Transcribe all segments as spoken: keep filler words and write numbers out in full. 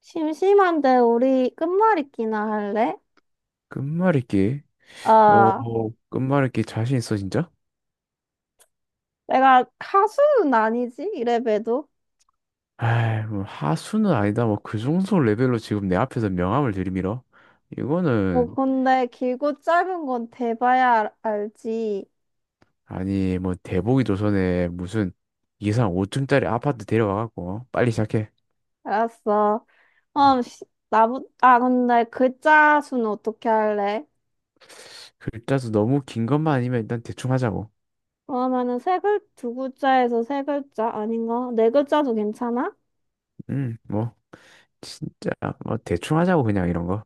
심심한데 우리 끝말잇기나 할래? 끝말잇기? 아, 어, 끝말잇기 자신 있어, 진짜? 내가 가수는 아니지, 이래봬도. 에이, 뭐 하수는 아니다. 뭐 그 정도 레벨로 지금 내 앞에서 명함을 들이밀어? 이거는, 뭐, 근데 길고 짧은 건 대봐야 알- 알지. 아니, 뭐 대보기 조선에 무슨 이상 오 층짜리 아파트 데려와갖고 빨리 시작해. 알았어. 어, 시- 나부, 아, 근데 글자 수는 어떻게 할래? 글자도 너무 긴 것만 아니면 일단 대충 하자고. 그러면은 세 글, 두 글자에서 세 글자 아닌가? 네 글자도 괜찮아? 음, 뭐, 진짜, 뭐 대충 하자고 그냥 이런 거.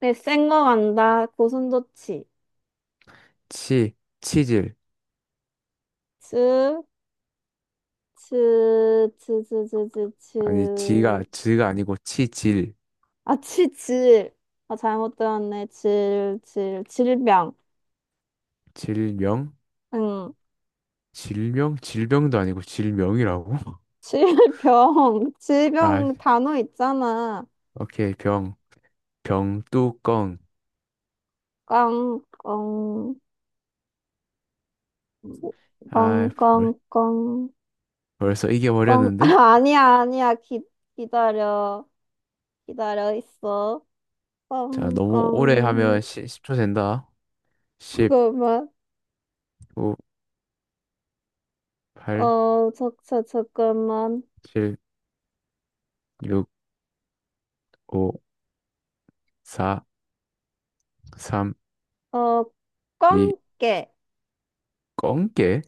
네, 센거 간다. 고슴도치. 치, 치질. 즈, 즈, 즈, 즈, 즈, 즈, 즈. 아니, 지가, 지가 아니고 치질. 아, 치, 질. 아, 잘못 들었네. 질, 질, 질병. 질명? 응. 질명? 질병도 아니고 질명이라고? 질병. 아, 질병 단어 있잖아. 오케이, 병, 병뚜껑. 꽝, 꽝, 꽝, 아, 벌, 꽝, 꽝, 벌써 꽝. 아, 이겨버렸는데? 아니야, 아니야. 기, 기다려. 기다려 있어. 자, 꽝, 너무 오래 꽝. 하면 십, 초 된다. 십, 잠깐만. 구, 팔, 어, 저, 저, 잠깐만. 칠, 육, 오, 사, 삼, 어, 이, 꽝깨. 꽁깨?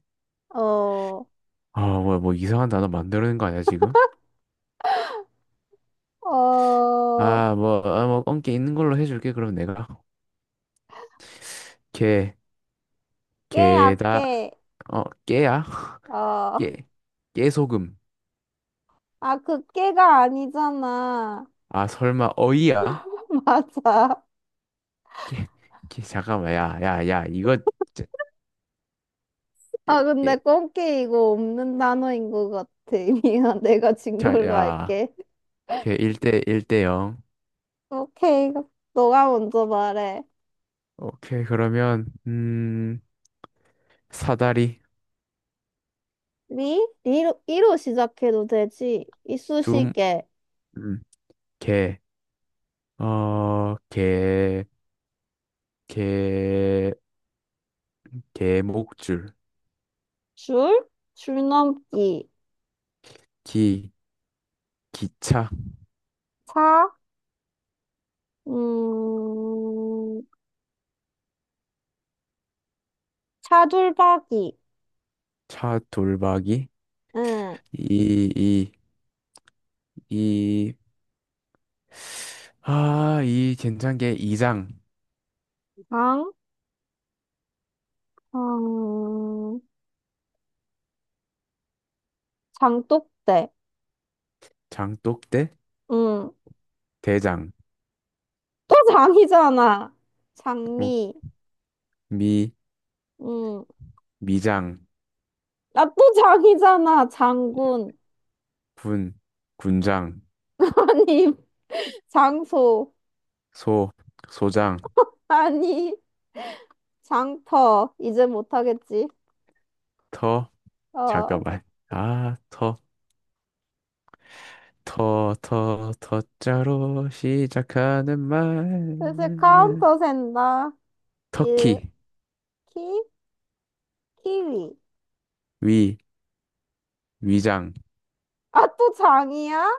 어, 아, 뭐야, 뭐 이상한 단어 만드는 거 아니야, 지금? 어, 아, 뭐, 아, 뭐, 꽁깨 있는 걸로 해줄게, 그럼 내가. 게, 깨야, 게다, 깨. 어, 깨야? 어. 깨, 깨소금. 아, 그 깨가 아니잖아. 아, 설마, 어이야? 맞아. 깨, 깨, 잠깐만, 야, 야, 야, 이거, 아, 근데 꽃게 이거 없는 단어인 것 같아. 미안, 내가 진 자, 걸로 야, 할게. 걔 일 대 일 대 영. 오케이, 너가 먼저 말해. 오케이, 그러면 음, 사다리 리? 리로, 이로 시작해도 되지. 둠, 이쑤시개. 음, 개, 어, 개, 개, 개목줄, 줄? 줄넘기. 기, 기차, 차? 음, 차돌박이. 차 돌박이, 응. 이, 이, 이, 아, 이 괜찮게 이장, 장? 음, 장독대. 장독대, 응. 대장, 또 장이잖아. 뭐, 장미. 미, 음. 미장, 아, 또 장이잖아. 장군. 군, 군장, 아니, 장소. 소, 소장, 아니, 장터. 이제 못하겠지. 터, 어. 잠깐만. 아, 터, 터, 터, 터자로 시작하는 슬슬 말. 카운터 센다. 일, 터키, 키, 키위. 위, 위장, 아, 또 장이야?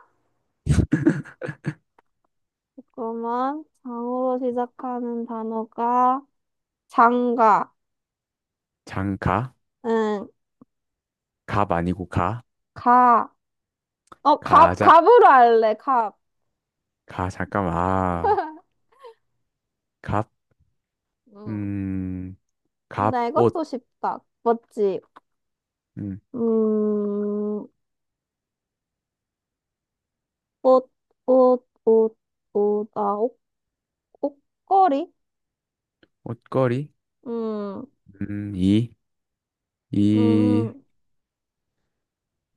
잠깐만. 장으로 시작하는 단어가 장가. 장 가, 응, 갑 아니고 가, 가. 어, 갑, 가장, 갑으로 할래, 갑. 가, 잠깐만. 아, 갑, 음. 음, 갑, 근데 옷, 이것도 쉽다. 맞지? 음, 음. 옷, 옷, 옷, 옷, 아, 옷, 옷걸이? 옷걸이, 음, 음, 이, 이, 음,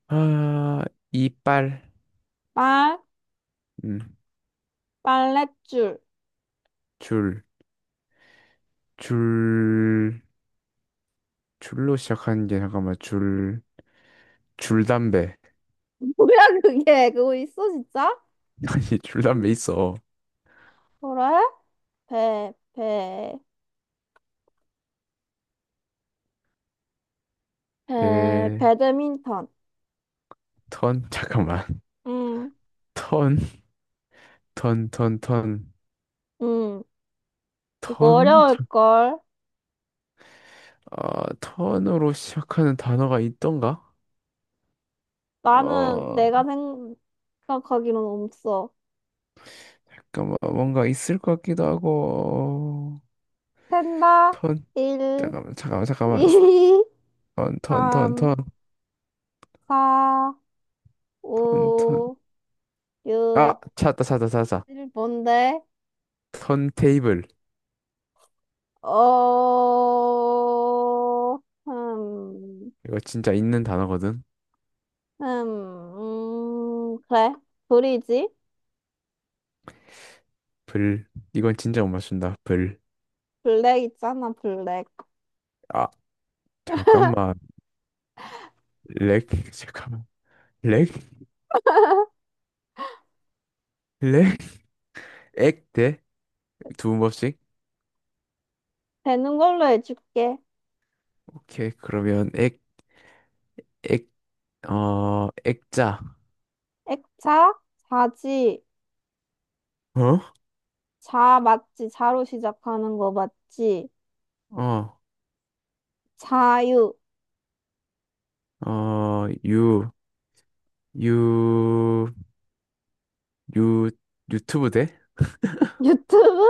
아, 이빨, 빨, 음, 빨랫줄. 줄, 줄, 줄로 시작하는 게 잠깐만, 줄, 줄담배. 뭐야, 그게? 그거 있어, 진짜? 아니, 줄담배 있어. 그래? 배, 배, 배, 배, 배드민턴. 턴, 잠깐만. 음, 턴, 턴, 턴, 턴, 음, 이거 턴? 잠- 어려울걸? 아, 턴으로 시작하는 단어가 있던가? 나는 어, 내가 생각하기로는 없어. 잠깐만, 뭔가 있을 것 같기도 하고, 샌다, 턴, 일, 잠깐만, 잠깐만, 잠깐만. 이, 턴, 턴, 턴, 턴, 삼, 사, 턴, 오, 턴. 육, 일 이, 삼, 사, 오, 아, 육, 찾았다, 찾았다, 찾았다. 칠, 뭔데? 턴 테이블. 어, 음, 이거 진짜 있는 단어거든. 음, 음, 그래. 불이지? 불. 이건 진짜 못 맞춘다. 불. 블랙 있잖아, 블랙. 아, 잠깐만. 렉, 잠깐만. 렉, 렉, 액, 대. 두 번씩? 되는 걸로 해줄게. 오케이. 그러면 액, 액, 어, 액자. 액차, 자지, 어? 자 맞지? 자로 시작하는 거 맞지? 어, 자유, 어, 유, 유, 유, 유튜브 대? 유튜브?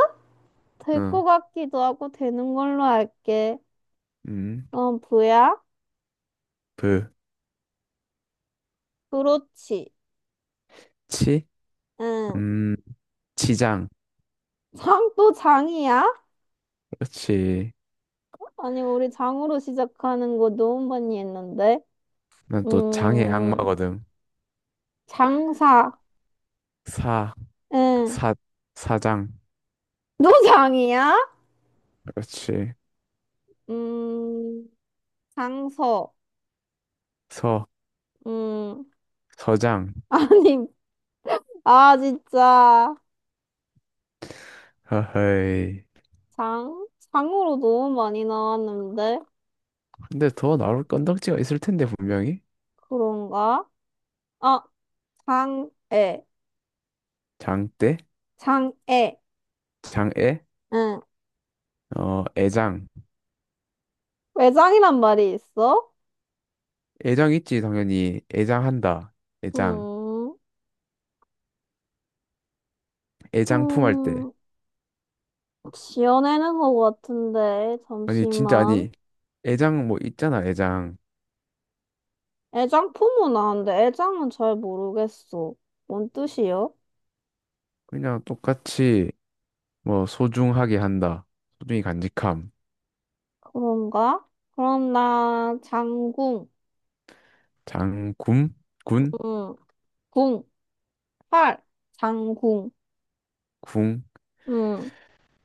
될 것 응, 같기도 하고 되는 걸로 할게. 음, 어, 부야? 브, 그렇지. 치, 응. 음, 치장. 장 또 장이야? 그렇지. 아니, 우리 장으로 시작하는 거 너무 많이 했는데. 난 또 장의 음, 악마거든. 장사, 사, 응. 사, 사장. 노장이야? 그렇지. 음, 장서, 서, 음, 서장. 아니, 아, 진짜. 허허이. 장? 장으로 너무 많이 나왔는데? 근데 더 나올 건덕지가 있을 텐데, 분명히. 그런가? 아, 장애, 장대, 장애, 장애, 응. 어, 애장. 외장이란 말이 있어? 애장 있지, 당연히. 애장한다. 애장. 음, 애장 품할 때. 음, 지어내는 것 같은데, 아니, 진짜 잠시만. 아니. 애장 뭐 있잖아, 애장. 애장품은 아는데, 애장은 잘 모르겠어. 뭔 뜻이요? 그냥 똑같이 뭐 소중하게 한다. 소중히 간직함. 그런가? 그럼 나 장궁, 장군? 군? 음, 궁, 활, 장궁, 궁? 음,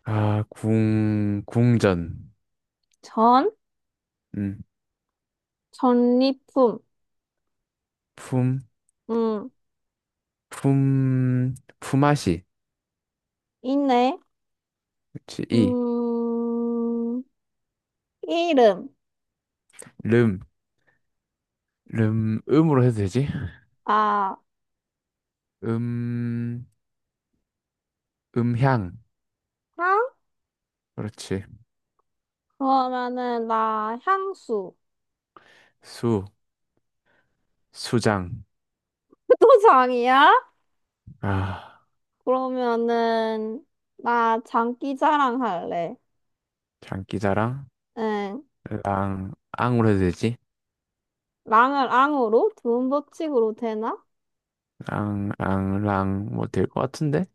아, 궁, 궁전. 전, 음. 전리품, 품, 음, 품, 품앗이. 있네. 그치, 이. 음, 이름, 름, 름, 음으로 해도 되지? 아, 음, 음향. 향? 그렇지. 그러면은 나 향수. 수, 수장. 또 장이야? 아. 그러면은 나 장기 자랑할래. 장기자랑 응, 랑 앙으로 해도 되지? 랑을 앙으로, 두음 법칙으로 되나? 랑랑랑뭐 될 것 같은데?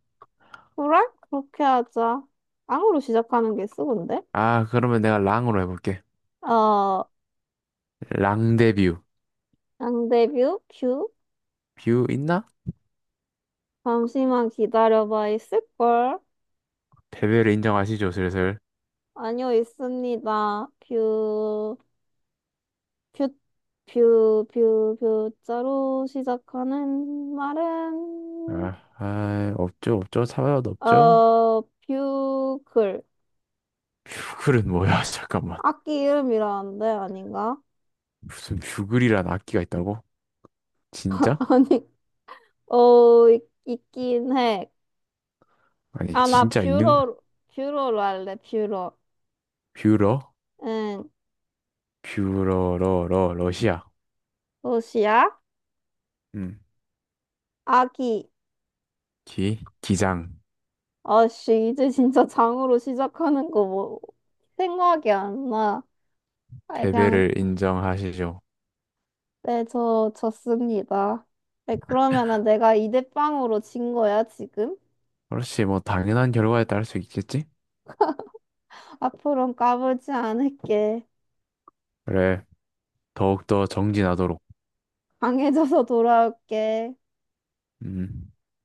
그래? 그렇게 하자. 앙으로 시작하는 게 쓰던데? 아 그러면 내가 랑으로 해볼게. 어, 랑데뷰 양대뷰? 뷰? 뷰뷰 있나? 잠시만 기다려봐, 있을걸? 패배를 인정하시죠 슬슬. 아니요, 있습니다. 뷰, 뷰, 뷰, 뷰, 뷰자로 시작하는 말은, 아, 아 없죠 없죠 사과도 없죠. 어, 뷰 글. 뷰글은 뭐야 잠깐만 악기 이름이라는데, 아닌가? 무슨 뷰글이란 악기가 있다고? 진짜? 아니, 어, 있, 있긴 해. 아니 아, 나 진짜 있는? 뷰러, 뷰러로 할래, 뷰러. 뷰러 응, 뷰러러러 러시아. 도시야? 음. 아기. 기 기장 아씨, 이제 진짜 장으로 시작하는 거 뭐, 생각이 안 나. 아이, 그냥, 패배를 인정하시죠. 네, 저, 졌습니다. 네, 그러면은 내가 이대빵으로진 거야, 지금? 그렇지 뭐 당연한 결과에 따를 수 있겠지? 앞으로는 까불지 않을게. 그래, 더욱더 정진하도록. 강해져서 돌아올게. 음.